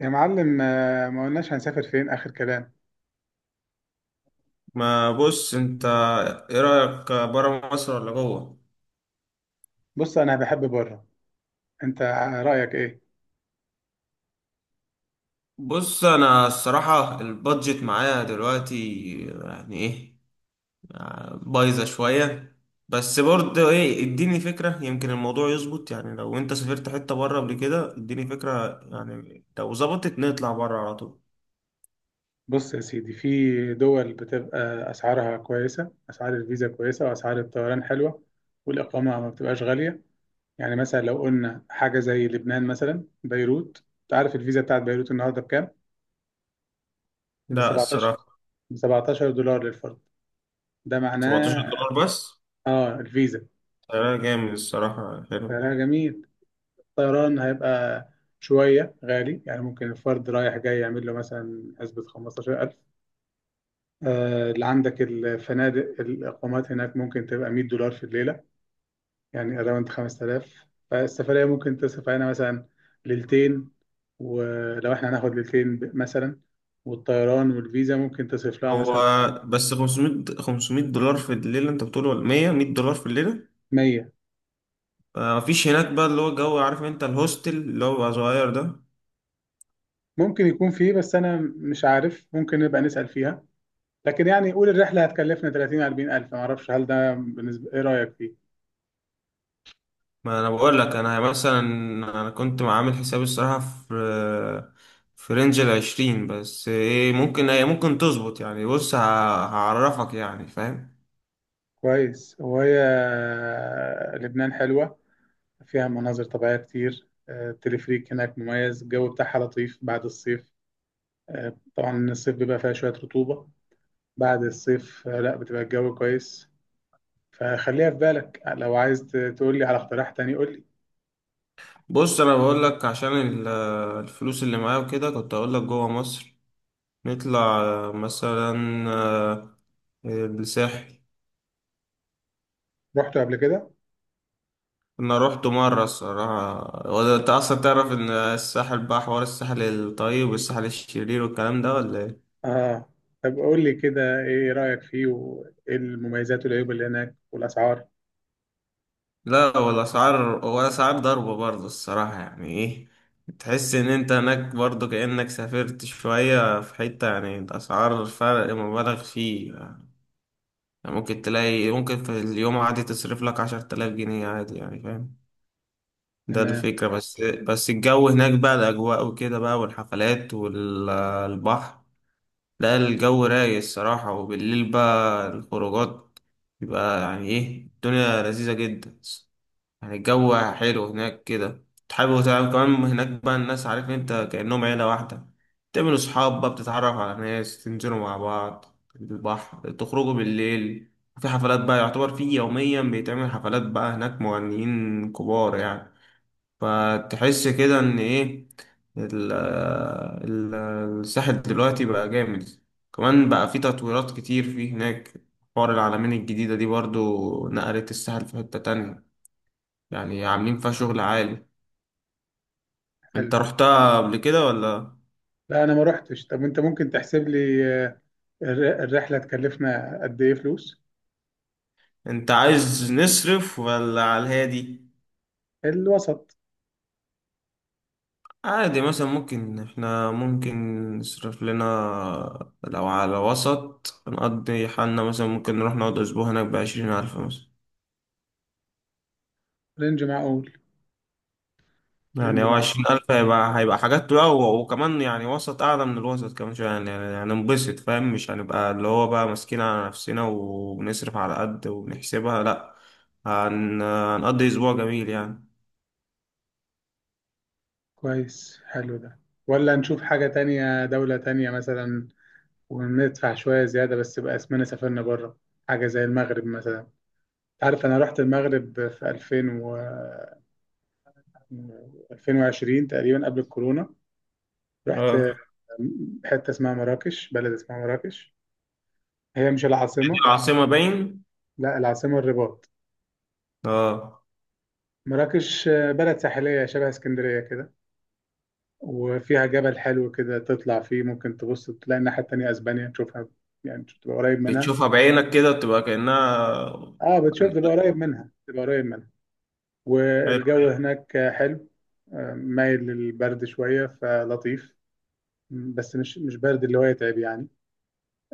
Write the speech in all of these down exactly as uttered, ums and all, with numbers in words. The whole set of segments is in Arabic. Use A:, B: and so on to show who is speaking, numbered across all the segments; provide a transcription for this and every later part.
A: يا معلم آه، ما قلناش هنسافر فين آخر كلام.
B: ما بص انت، ايه رأيك برا مصر ولا جوه؟
A: بص أنا بحب بره. أنت رأيك إيه؟
B: بص انا الصراحة البادجت معايا دلوقتي يعني ايه، بايظة شوية، بس برضه ايه، اديني فكرة. يمكن الموضوع يظبط. يعني لو انت سافرت حتة برا قبل كده اديني فكرة، يعني لو ظبطت نطلع برا على طول.
A: بص يا سيدي، في دول بتبقى أسعارها كويسة، أسعار الفيزا كويسة، وأسعار الطيران حلوة، والإقامة ما بتبقاش غالية. يعني مثلا لو قلنا حاجة زي لبنان، مثلا بيروت. أنت عارف الفيزا بتاعت بيروت النهاردة بكام؟ ب
B: لا
A: سبعتاشر،
B: الصراحة.
A: ب سبعتاشر دولار للفرد. ده
B: 17
A: معناه…
B: دولار بس؟
A: آه الفيزا.
B: سعرها جامد الصراحة، حلو.
A: ده جميل. الطيران هيبقى شوية غالي، يعني ممكن الفرد رايح جاي يعمل له مثلا حسبة خمسة عشر ألف. آه، اللي عندك الفنادق، الإقامات هناك، ممكن تبقى مائة دولار في الليلة، يعني أراوند خمسة آلاف. فالسفرية ممكن تصرف علينا مثلا ليلتين. ولو احنا هناخد ليلتين ب- مثلا، والطيران والفيزا ممكن تصرف لها
B: هو
A: مثلا بتاع
B: بس خمسمائة خمسمائة دولار في الليلة انت بتقول ولا مائة مية دولار في الليلة؟
A: مائة.
B: ما فيش هناك بقى اللي هو الجو، عارف انت، الهوستل اللي هو بقى صغير ده؟
A: ممكن يكون فيه، بس أنا مش عارف، ممكن نبقى نسأل فيها. لكن يعني قول الرحلة هتكلفنا تلاتين أربعين ألف، معرفش، هل ده بالنسبة إيه رأيك فيه؟
B: ما انا بقول لك انا مثلا، انا كنت عامل حسابي الصراحه في في رينج العشرين، بس ايه ممكن ايه ممكن تظبط، يعني بص ه- هعرفك يعني، فاهم.
A: كويس. وهي آه، لبنان حلوة، فيها مناظر طبيعية كتير. آه، التلفريك هناك مميز، الجو بتاعها لطيف بعد الصيف. آه، طبعا الصيف بيبقى فيها شوية رطوبة، بعد الصيف آه، لا بتبقى الجو كويس. فخليها في بالك، لو عايز ت- تقول لي على اقتراح تاني قول لي.
B: بص انا بقول لك عشان ال- الفلوس اللي معايا وكده، كنت اقول لك جوه مصر نطلع مثلا آه، الساحل.
A: رحته قبل كده؟
B: انا رحت مره الصراحه. هو ده- انت اصلا تعرف ان الساحل بقى حوار الساحل الطيب والساحل الشرير والكلام ده، ولا ايه؟
A: اه. طب قول لي كده، ايه رأيك فيه، وايه المميزات والعيوب اللي هناك والأسعار.
B: لا ولا اسعار، ولا اسعار ضربه برضه الصراحه، يعني ايه، تحس ان انت هناك برضه كانك سافرت شويه في حته، يعني الاسعار فرق مبالغ فيه يعني. ممكن تلاقي، ممكن في اليوم عادي تصرف لك عشر تلاف جنيه عادي، يعني فاهم. ده
A: تمام.
B: الفكرة. بس بس الجو هناك بقى، الأجواء وكده بقى، والحفلات والبحر. لا الجو رايق الصراحة، وبالليل بقى الخروجات بيبقى يعني ايه، الدنيا لذيذة جدا. يعني الجو حلو هناك كده، تحب تعمل كمان هناك بقى، الناس، عارف انت، كأنهم عيلة واحدة. تعملوا صحاب بقى، بتتعرف على ناس، تنزلوا مع بعض البحر، تخرجوا بالليل، في حفلات بقى، يعتبر في يوميا بيتعمل حفلات بقى، هناك مغنيين كبار يعني. فتحس كده ان ايه، ال- ال- الساحل دلوقتي بقى جامد. كمان بقى في تطويرات كتير فيه هناك، حوار العلمين الجديدة دي برضو نقلت الساحل في حتة تانية، يعني عاملين فيها شغل عالي. انت
A: حلو.
B: رحتها قبل كده ولا؟
A: لا، انا ما رحتش. طب انت ممكن تحسب لي، آه، الر- الرحلة تكلفنا قد ايه فلوس؟
B: انت عايز نصرف ولا على الهادي؟
A: الوسط.
B: عادي، مثلا ممكن احنا ممكن نصرف لنا، لو على وسط نقضي حالنا مثلا، ممكن نروح نقعد اسبوع هناك بعشرين ألف مثلا.
A: رينج معقول. رينج
B: يعني هو
A: معقول.
B: عشرين ألف هيبقى، هيبقى حاجات بقى، و- وكمان يعني وسط أعلى من الوسط كمان شوية، يعني يعني هننبسط، فاهم، مش هنبقى اللي هو بقى ماسكين على نفسنا وبنصرف على قد وبنحسبها، لأ. هن... هنقضي أسبوع جميل يعني.
A: كويس، حلو ده. ولا نشوف حاجة تانية، دولة تانية مثلا، وندفع شوية زيادة بس يبقى اسمنا سافرنا بره؟ حاجة زي المغرب مثلا. أنت عارف أنا رحت المغرب في ألفين و ألفين وعشرين تقريبا قبل الكورونا. رحت
B: اه،
A: حتة اسمها مراكش، بلد اسمها مراكش، هي مش
B: دي
A: العاصمة.
B: العاصمة باين.
A: لا، العاصمة الرباط.
B: اه،
A: مراكش بلد ساحلية شبه اسكندرية كده، وفيها جبل حلو كده تطلع فيه، ممكن تبص تلاقي الناحية التانية أسبانيا تشوفها، يعني تبقى قريب منها.
B: بتشوفها بعينك كده، بتبقى كأنها
A: اه، بتشوف،
B: يعني.
A: تبقى قريب منها تبقى قريب منها.
B: حلو.
A: والجو هناك حلو. آه، مايل للبرد شوية فلطيف، بس مش مش برد اللي هو يتعب يعني.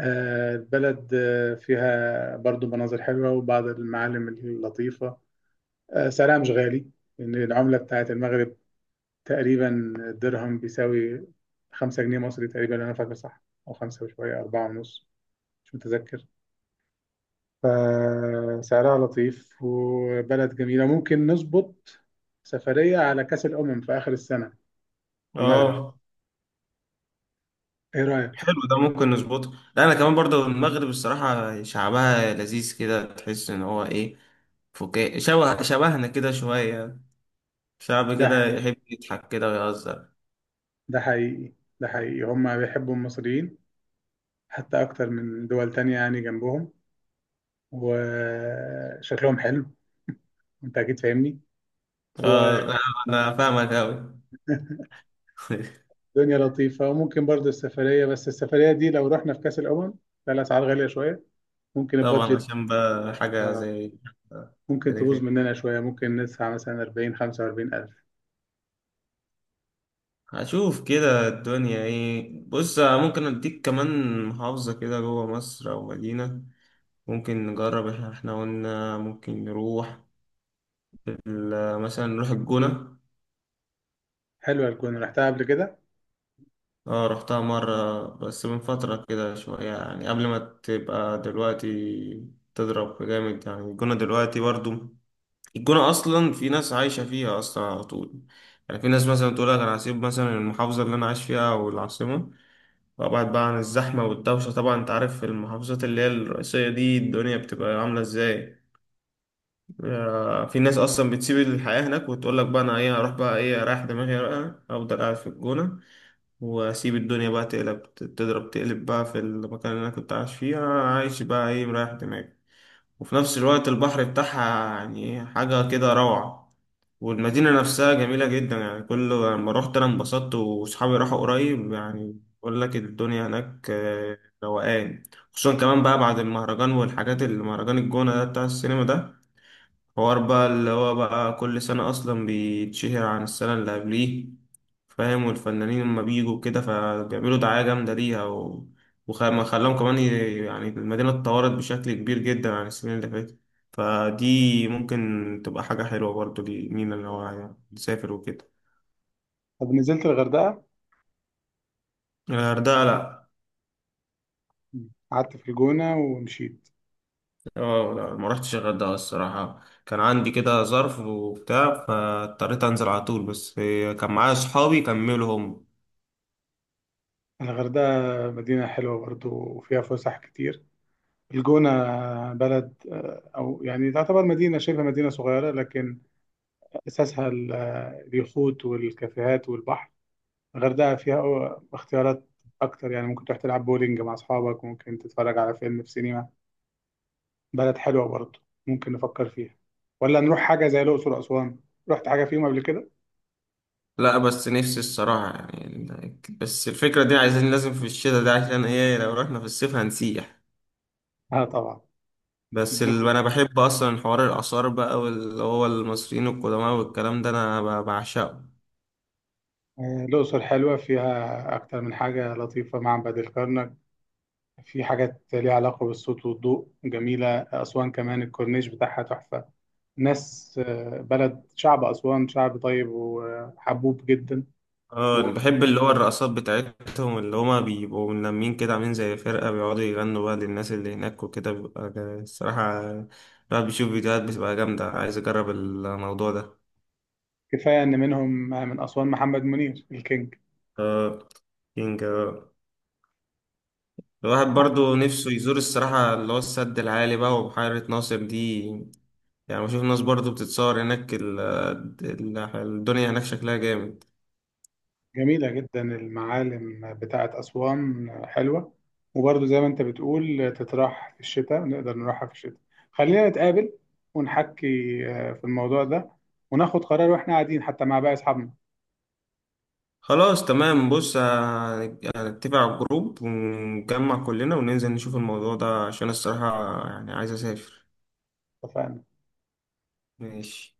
A: آه، البلد آه، فيها برضو مناظر حلوة وبعض المعالم اللطيفة. آه، سعرها مش غالي، لأن العملة بتاعت المغرب تقريبا، الدرهم بيساوي خمسة جنيه مصري تقريبا، أنا فاكر صح، أو خمسة وشوية، أربعة ونص، مش متذكر. فسعرها لطيف وبلد جميلة، ممكن نظبط سفرية على كأس الأمم في آخر السنة في المغرب.
B: اه،
A: إيه رأيك؟
B: حلو ده، ممكن نظبطه. لا انا كمان برضه المغرب الصراحة شعبها لذيذ كده، تحس ان هو ايه، فكاهي، شبه شبهنا كده شوية. شعب كده
A: ده
B: يحب يضحك كده ويهزر.
A: ده حقيقي. ده حقيقي، هما بيحبوا المصريين حتى أكتر من دول تانية يعني جنبهم، وشكلهم حلو، أنت أكيد فاهمني.
B: اه
A: والدنيا
B: لا، انا فاهمك اوي.
A: لطيفة. وممكن برضه السفرية، بس السفرية دي لو رحنا في كأس الأمم، لا، الأسعار غالية شوية، ممكن
B: طبعا،
A: البادجت…
B: عشان بقى حاجة
A: آه،
B: زي
A: ممكن تبوظ
B: تاريخية.
A: مننا شوية، ممكن ندفع مثلا أربعين خمسة وأربعين ألف.
B: هشوف كده الدنيا ايه. بص ممكن اديك كمان محافظة كده جوه مصر او مدينة ممكن نجرب احنا. إحنا قلنا ممكن نروح ال- مثلا نروح الجونة.
A: حلوة الجونة، رحتها قبل كده.
B: اه رحتها مرة بس من فترة كده شوية، يعني قبل ما تبقى دلوقتي تضرب جامد، يعني الجونة دلوقتي برضو، الجونة أصلا في ناس عايشة فيها أصلا على طول. يعني في ناس مثلا تقول لك أنا هسيب مثلا المحافظة اللي أنا عايش فيها أو العاصمة وأبعد بقى عن الزحمة والدوشة، طبعا أنت عارف المحافظات اللي هي الرئيسية دي الدنيا بتبقى عاملة إزاي. آه، في ناس أصلا بتسيب الحياة هناك وتقول لك بقى، أنا إيه، هروح بقى إيه أريح دماغي، بقى أفضل قاعد في الجونة وأسيب الدنيا بقى تقلب تضرب تقلب بقى في المكان اللي أنا كنت عايش فيه، أنا عايش بقى إيه مريح دماغي. وفي نفس الوقت البحر بتاعها يعني حاجة كده روعة، والمدينة نفسها جميلة جدا. يعني كل لما روحت أنا انبسطت، وصحابي راحوا قريب، يعني بقول لك الدنيا هناك آه، روقان. خصوصا كمان بقى بعد المهرجان والحاجات، اللي مهرجان الجونة ده بتاع السينما ده، حوار بقى اللي هو بقى كل سنة أصلا بيتشهر عن السنة اللي قبليه، فاهم. والفنانين لما بيجوا كده فبيعملوا دعاية جامدة ليها و... وخلاهم خلاهم كمان ي... يعني المدينة اتطورت بشكل كبير جدا عن السنين اللي فاتت. فدي ممكن تبقى حاجة حلوة برضو لمين اللي هو يعني يسافر وكده.
A: طب نزلت الغردقة،
B: الغردقة لأ.
A: قعدت في الجونة ومشيت؟
B: اه لا، ما رحتش الغردقة الصراحة، كان عندي كده ظرف وبتاع فاضطريت أنزل على طول، بس كان معايا صحابي كملوا هم.
A: الغردقة مدينة حلوة برضو وفيها فسح كتير. الجونة بلد، آه، أو يعني تعتبر مدينة شبه مدينة صغيرة، لكن أساسها ال- آه، اليخوت والكافيهات والبحر. الغردقة فيها أو- اختيارات أكتر، يعني ممكن تروح تلعب بولينج مع أصحابك، ممكن تتفرج على فيلم في سينما. بلد حلوة برضو، ممكن نفكر فيها. ولا نروح حاجة زي الأقصر وأسوان؟ رحت حاجة فيهم قبل كده؟
B: لا بس نفسي الصراحة يعني ال- بس الفكرة دي، عايزين لازم في الشتاء ده، عشان ايه، لو رحنا في الصيف هنسيح.
A: آه طبعا.
B: بس ال...
A: الجو
B: انا بحب اصلا حوار الآثار بقى، واللي هو المصريين القدماء والكلام ده، انا ب- بعشقه.
A: آه، الأقصر حلوة، فيها أكتر من حاجة لطيفة، معبد الكرنك، في حاجات ليها علاقة بالصوت والضوء جميلة. أسوان كمان، الكورنيش بتاعها تحفة، ناس، آه، بلد، شعب أسوان شعب طيب وحبوب جدا.
B: اه
A: وكفاية
B: بحب اللي هو الرقصات بتاعتهم، اللي هما بيبقوا ملمين كده، عاملين زي فرقة بيقعدوا يغنوا بقى للناس اللي هناك وكده، بيبقى جا- الصراحة الواحد بيشوف فيديوهات بتبقى جامدة، عايز اجرب الموضوع ده.
A: إن منهم، آه، من أسوان محمد منير الكينج.
B: اه، الواحد برضو نفسه يزور الصراحة اللي هو السد العالي بقى وبحيرة ناصر دي. يعني بشوف ناس برضو بتتصور هناك، ال- ال- الدنيا هناك شكلها جامد.
A: جميلة جدا المعالم بتاعة أسوان حلوة، وبرضه زي ما أنت بتقول تتراح في الشتاء، نقدر نروحها في الشتاء. خلينا نتقابل ونحكي آه، في الموضوع ده، وناخد قرار وإحنا قاعدين حتى مع باقي أصحابنا.
B: خلاص تمام، بص ه- هنتفق على الجروب ونجمع كلنا وننزل نشوف الموضوع ده، عشان الصراحة يعني عايز أسافر.
A: اتفقنا.
B: ماشي.